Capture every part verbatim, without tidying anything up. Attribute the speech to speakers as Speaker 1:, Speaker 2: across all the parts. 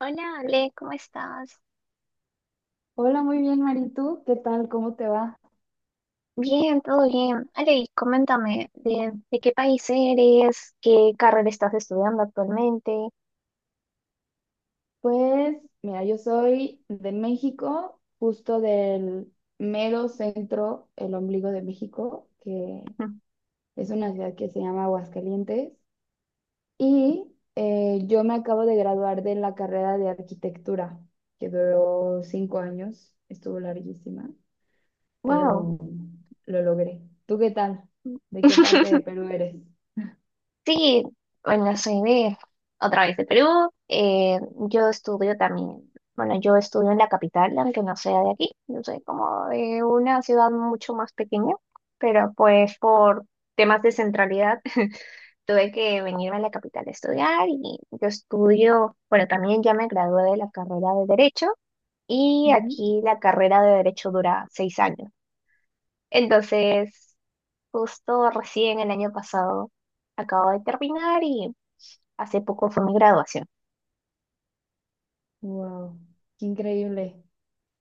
Speaker 1: Hola Ale, ¿cómo estás?
Speaker 2: Hola, muy bien, Mari. ¿Qué tal? ¿Cómo te va?
Speaker 1: Bien, todo bien. Ale, y coméntame de, de qué país eres, qué carrera estás estudiando actualmente.
Speaker 2: Pues, mira, yo soy de México, justo del mero centro, el ombligo de México, que es una ciudad que se llama Aguascalientes. Y eh, yo me acabo de graduar de la carrera de arquitectura, que duró cinco años, estuvo larguísima,
Speaker 1: Wow.
Speaker 2: pero lo logré. ¿Tú qué tal? ¿De qué parte de Perú eres?
Speaker 1: Sí, bueno, soy de otra vez de Perú. eh, yo estudio también, bueno, yo estudio en la capital, aunque no sea de aquí. Yo soy como de una ciudad mucho más pequeña, pero pues por temas de centralidad tuve que venirme a la capital a estudiar y yo estudio, bueno, también ya me gradué de la carrera de Derecho y aquí la carrera de Derecho dura seis años. Entonces, justo recién el año pasado acabo de terminar y hace poco fue mi graduación.
Speaker 2: Wow, qué increíble.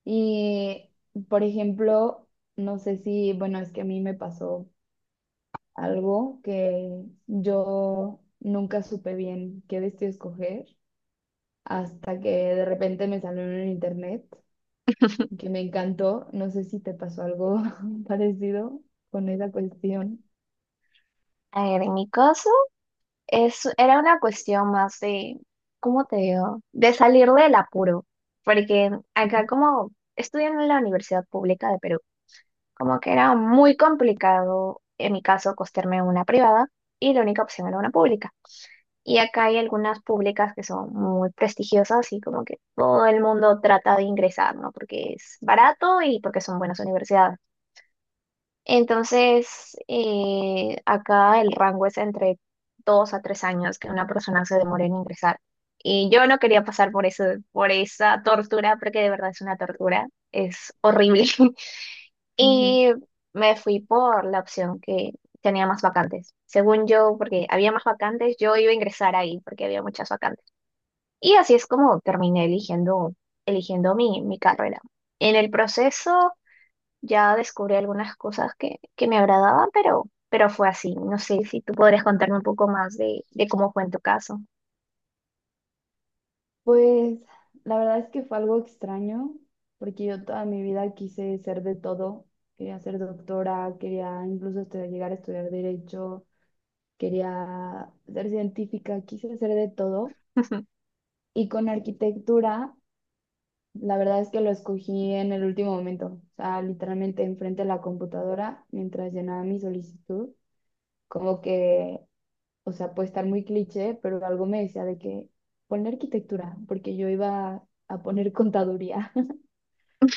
Speaker 2: Y, por ejemplo, no sé si, bueno, es que a mí me pasó algo que yo nunca supe bien qué vestido escoger hasta que de repente me salió en el internet que me encantó. No sé si te pasó algo parecido con esa cuestión.
Speaker 1: A ver, en mi caso, es, era una cuestión más de, ¿cómo te digo? De salir del apuro. Porque acá como estudiando en la Universidad Pública de Perú, como que era muy complicado, en mi caso, costearme una privada y la única opción era una pública. Y acá hay algunas públicas que son muy prestigiosas y como que todo el mundo trata de ingresar, ¿no? Porque es barato y porque son buenas universidades. Entonces, eh, acá el rango es entre dos a tres años que una persona se demore en ingresar. Y yo no quería pasar por eso, por esa tortura, porque de verdad es una tortura, es horrible.
Speaker 2: Ujú.
Speaker 1: Y me fui por la opción que tenía más vacantes. Según yo, porque había más vacantes, yo iba a ingresar ahí porque había muchas vacantes. Y así es como terminé eligiendo, eligiendo mi, mi carrera. En el proceso ya descubrí algunas cosas que, que me agradaban, pero, pero fue así. No sé si tú podrías contarme un poco más de, de cómo fue en tu caso.
Speaker 2: Pues la verdad es que fue algo extraño, porque yo toda mi vida quise ser de todo. Quería ser doctora, quería incluso estudiar- llegar a estudiar derecho. Quería ser científica, quise hacer de todo. Y con arquitectura, la verdad es que lo escogí en el último momento, o sea, literalmente enfrente de la computadora mientras llenaba mi solicitud, como que, o sea, puede estar muy cliché, pero algo me decía de que poner arquitectura, porque yo iba a poner contaduría,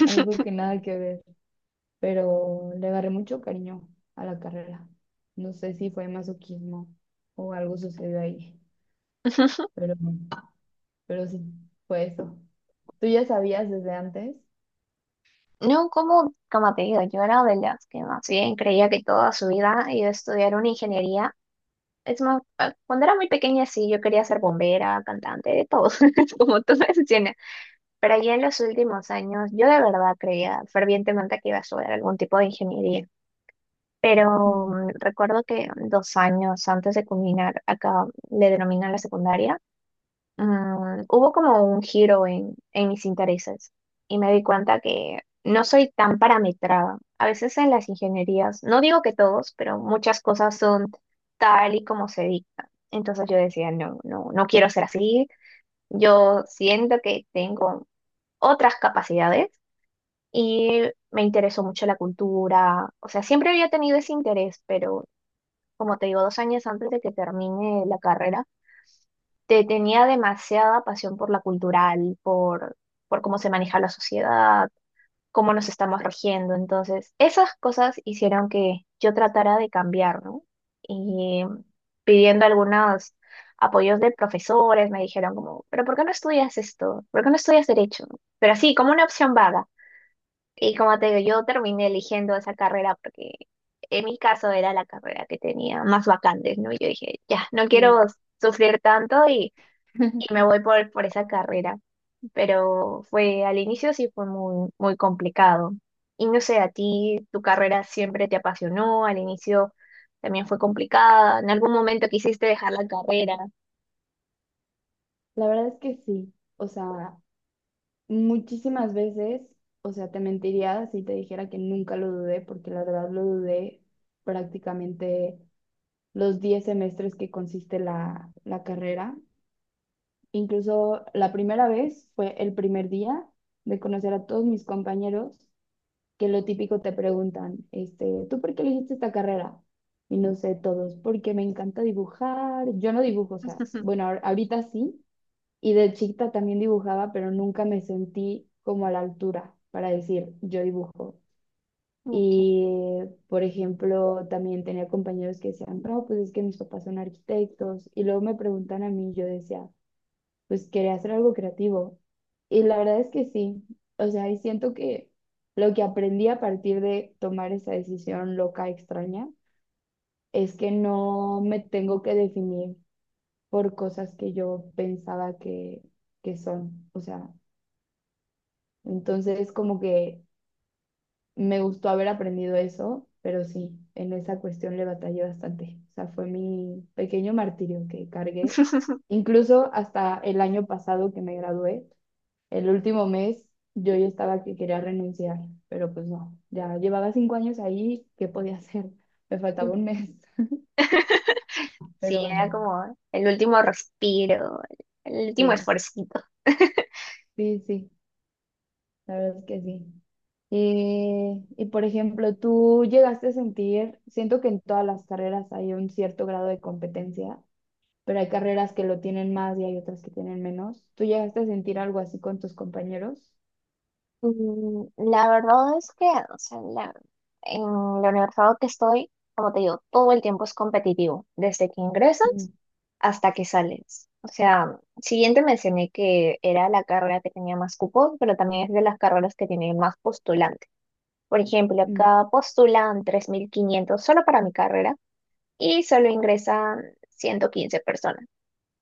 Speaker 2: algo que nada que ver, pero le agarré mucho cariño a la carrera. No sé si fue masoquismo o algo sucedió ahí, pero... pero sí, fue eso. ¿Tú ya sabías desde antes?
Speaker 1: No, como, como te digo, yo era de las que más bien creía que toda su vida iba a estudiar una ingeniería. Es más, ah, cuando era muy pequeña sí, yo quería ser bombera, cantante, de todo, como tú mencionas. Pero ya en los últimos años, yo de verdad creía fervientemente que iba a estudiar algún tipo de ingeniería. Pero
Speaker 2: Mm,
Speaker 1: mm, recuerdo que dos años antes de culminar, acá le denominan la secundaria, mm, hubo como un giro en, en mis intereses y me di cuenta que no soy tan parametrada. A veces en las ingenierías, no digo que todos, pero muchas cosas son tal y como se dictan. Entonces yo decía, no, no, no quiero ser así. Yo siento que tengo otras capacidades y me interesó mucho la cultura. O sea, siempre había tenido ese interés, pero como te digo, dos años antes de que termine la carrera, te tenía demasiada pasión por la cultural, por, por cómo se maneja la sociedad, cómo nos estamos regiendo. Entonces, esas cosas hicieron que yo tratara de cambiar, ¿no? Y pidiendo algunos apoyos de profesores, me dijeron como, pero ¿por qué no estudias esto? ¿Por qué no estudias derecho? Pero así, como una opción vaga. Y como te digo, yo terminé eligiendo esa carrera porque en mi caso era la carrera que tenía más vacantes, ¿no? Y yo dije, ya, no
Speaker 2: sí.
Speaker 1: quiero sufrir tanto y, y me voy por, por esa carrera. Pero fue, al inicio sí fue muy, muy complicado. Y no sé, a ti tu carrera siempre te apasionó, al inicio también fue complicada, en algún momento quisiste dejar la carrera.
Speaker 2: La verdad es que sí, o sea, muchísimas veces, o sea, te mentiría si te dijera que nunca lo dudé, porque la verdad lo dudé prácticamente los diez semestres que consiste la, la carrera. Incluso la primera vez fue el primer día de conocer a todos mis compañeros que lo típico te preguntan, este, ¿tú por qué elegiste esta carrera? Y no sé, todos, porque me encanta dibujar. Yo no dibujo, o sea, bueno, ahor- ahorita sí, y de chiquita también dibujaba, pero nunca me sentí como a la altura para decir, yo dibujo.
Speaker 1: Ok.
Speaker 2: Y, por ejemplo, también tenía compañeros que decían, no, pues es que mis papás son arquitectos. Y luego me preguntan a mí, yo decía, pues quería hacer algo creativo. Y la verdad es que sí, o sea, y siento que lo que aprendí a partir de tomar esa decisión loca, extraña, es que no me tengo que definir por cosas que yo pensaba que, que son. O sea, entonces como que me gustó haber aprendido eso, pero sí, en esa cuestión le batallé bastante. O sea, fue mi pequeño martirio que cargué. Incluso hasta el año pasado que me gradué. El último mes yo ya estaba que quería renunciar, pero pues no, ya llevaba cinco años ahí, ¿qué podía hacer? Me faltaba un mes,
Speaker 1: Sí,
Speaker 2: pero
Speaker 1: era como el último respiro, el último
Speaker 2: sí,
Speaker 1: esfuercito.
Speaker 2: sí, sí, la verdad es que sí. Y, y por ejemplo, tú llegaste a sentir, siento que en todas las carreras hay un cierto grado de competencia, pero hay carreras que lo tienen más y hay otras que tienen menos. ¿Tú llegaste a sentir algo así con tus compañeros?
Speaker 1: Mm, La verdad es que, o sea, la- en la universidad que estoy, como te digo, todo el tiempo es competitivo, desde que
Speaker 2: Mm.
Speaker 1: ingresas hasta que sales. O sea, siguiente mencioné que era la carrera que tenía más cupos, pero también es de las carreras que tiene más postulantes. Por ejemplo,
Speaker 2: Mm.
Speaker 1: acá postulan tres mil quinientos solo para mi carrera y solo ingresan ciento quince personas.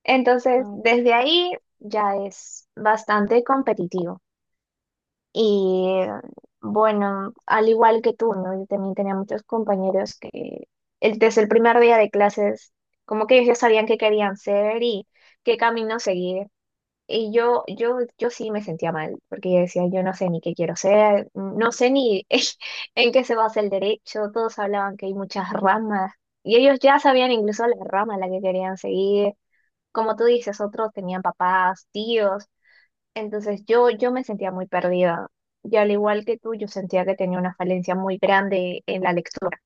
Speaker 1: Entonces,
Speaker 2: Ah, ok.
Speaker 1: desde ahí ya es bastante competitivo. Y bueno, al igual que tú, ¿no? Yo también tenía muchos compañeros que el- desde el primer día de clases, como que ellos ya sabían qué querían ser y qué camino seguir. Y yo, yo, yo sí me sentía mal, porque yo decía, yo no sé ni qué quiero ser, no sé ni en qué se basa el derecho, todos hablaban que hay muchas
Speaker 2: Sí.
Speaker 1: ramas, y ellos ya sabían incluso la rama a la que querían seguir, como tú dices, otros tenían papás, tíos, entonces yo, yo me sentía muy perdida. Y al igual que tú, yo sentía que tenía una falencia muy grande en la lectura.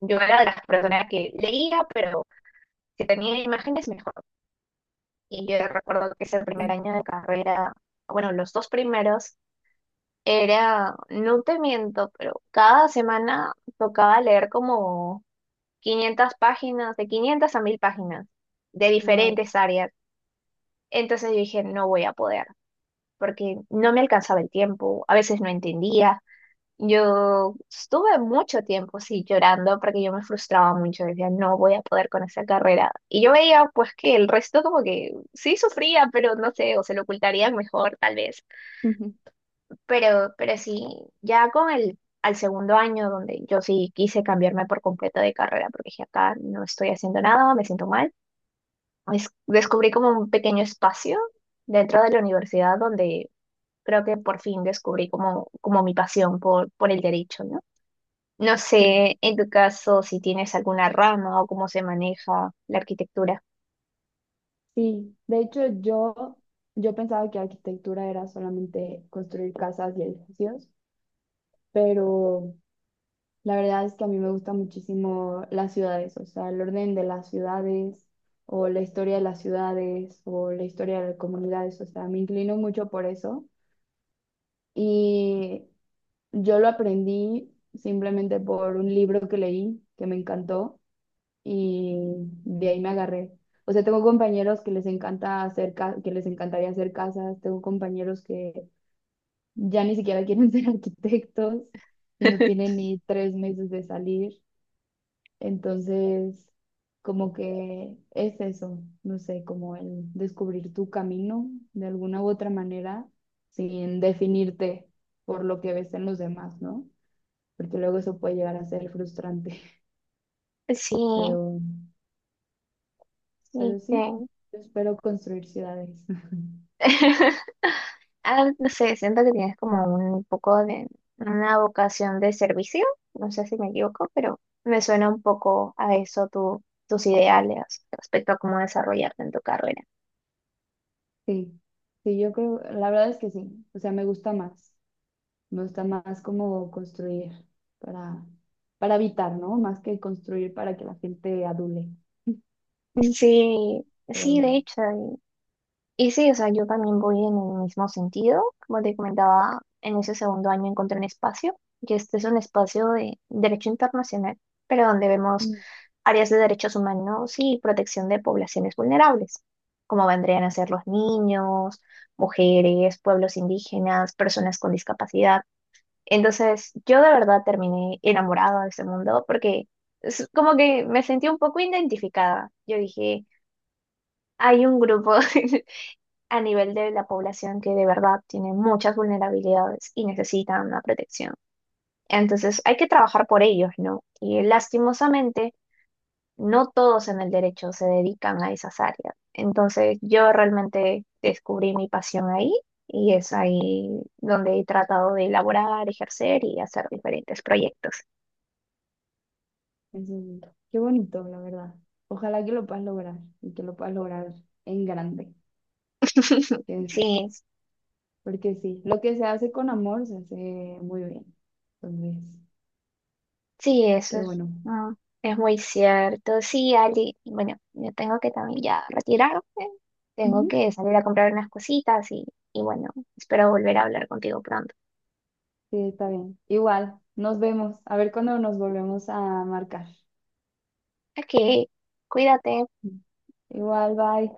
Speaker 1: Yo era de las personas que leía, pero si tenía imágenes, mejor. Y yo recuerdo que ese primer año de carrera, bueno, los dos primeros, era, no te miento, pero cada semana tocaba leer como quinientas páginas, de quinientas a mil páginas, de
Speaker 2: Wow.
Speaker 1: diferentes áreas. Entonces yo dije, no voy a poder, porque no me alcanzaba el tiempo, a veces no entendía. Yo estuve mucho tiempo, sí, llorando porque yo me frustraba mucho, decía, no voy a poder con esa carrera. Y yo veía, pues, que el resto como que sí sufría, pero no sé, o se lo ocultarían mejor, tal vez. Pero, pero sí, ya con el, al segundo año, donde yo sí quise cambiarme por completo de carrera, porque dije, acá no estoy haciendo nada, me siento mal, es- descubrí como un pequeño espacio dentro de la universidad donde creo que por fin descubrí como, como mi pasión por, por el derecho, ¿no? No
Speaker 2: Sí.
Speaker 1: sé, en tu caso, si tienes alguna rama o cómo se maneja la arquitectura.
Speaker 2: Sí, de hecho yo, yo pensaba que arquitectura era solamente construir casas y edificios, pero la verdad es que a mí me gustan muchísimo las ciudades, o sea, el orden de las ciudades o la historia de las ciudades o la historia de las comunidades, o sea, me inclino mucho por eso y yo lo aprendí simplemente por un libro que leí que me encantó y de ahí me agarré. O sea, tengo compañeros que les encanta hacer ca- que les encantaría hacer casas, tengo compañeros que ya ni siquiera quieren ser arquitectos y no tienen ni tres meses de salir. Entonces, como que es eso, no sé, como el descubrir tu camino de alguna u otra manera sin definirte por lo que ves en los demás, ¿no? Porque luego eso puede llegar a ser frustrante,
Speaker 1: Sí,
Speaker 2: pero
Speaker 1: sí,
Speaker 2: Pero sí,
Speaker 1: te-
Speaker 2: yo espero construir ciudades.
Speaker 1: Ah, no sé, siento que tienes como un poco de una vocación de servicio, no sé si me equivoco, pero me suena un poco a eso tu, tus ideales respecto a cómo desarrollarte en tu carrera.
Speaker 2: Sí, sí, yo creo, la verdad es que sí. O sea, me gusta más. Me gusta más como construir para, para habitar, ¿no? Más que construir para que la gente adule.
Speaker 1: Sí,
Speaker 2: Pero,
Speaker 1: sí, de hecho, y sí, o sea, yo también voy en el mismo sentido. Como te comentaba, en ese segundo año encontré un espacio, y este es un espacio de derecho internacional, pero donde vemos
Speaker 2: mm,
Speaker 1: áreas de derechos humanos y protección de poblaciones vulnerables, como vendrían a ser los
Speaker 2: wow,
Speaker 1: niños, mujeres, pueblos indígenas, personas con discapacidad. Entonces, yo de verdad terminé enamorada de ese mundo porque es como que me sentí un poco identificada. Yo dije, hay un grupo a nivel de la población que de verdad tiene muchas vulnerabilidades y necesita una protección. Entonces hay que trabajar por ellos, ¿no? Y lastimosamente, no todos en el derecho se dedican a esas áreas. Entonces yo realmente descubrí mi pasión ahí y es ahí donde he tratado de elaborar, ejercer y hacer diferentes proyectos.
Speaker 2: eso es- qué bonito, la verdad. Ojalá que lo puedas lograr y que lo puedas lograr en grande. Que es,
Speaker 1: Sí,
Speaker 2: porque sí, lo que se hace con amor se hace muy bien. Entonces,
Speaker 1: sí, eso
Speaker 2: qué
Speaker 1: es,
Speaker 2: bueno.
Speaker 1: ah, es muy cierto. Sí, Ali, bueno, yo tengo que también ya retirarme, tengo
Speaker 2: Ujú.
Speaker 1: que salir a comprar unas cositas y, y bueno, espero volver a hablar contigo pronto.
Speaker 2: Sí, está bien. Igual, nos vemos. A ver cuándo nos volvemos a marcar.
Speaker 1: Ok, cuídate.
Speaker 2: Igual, bye.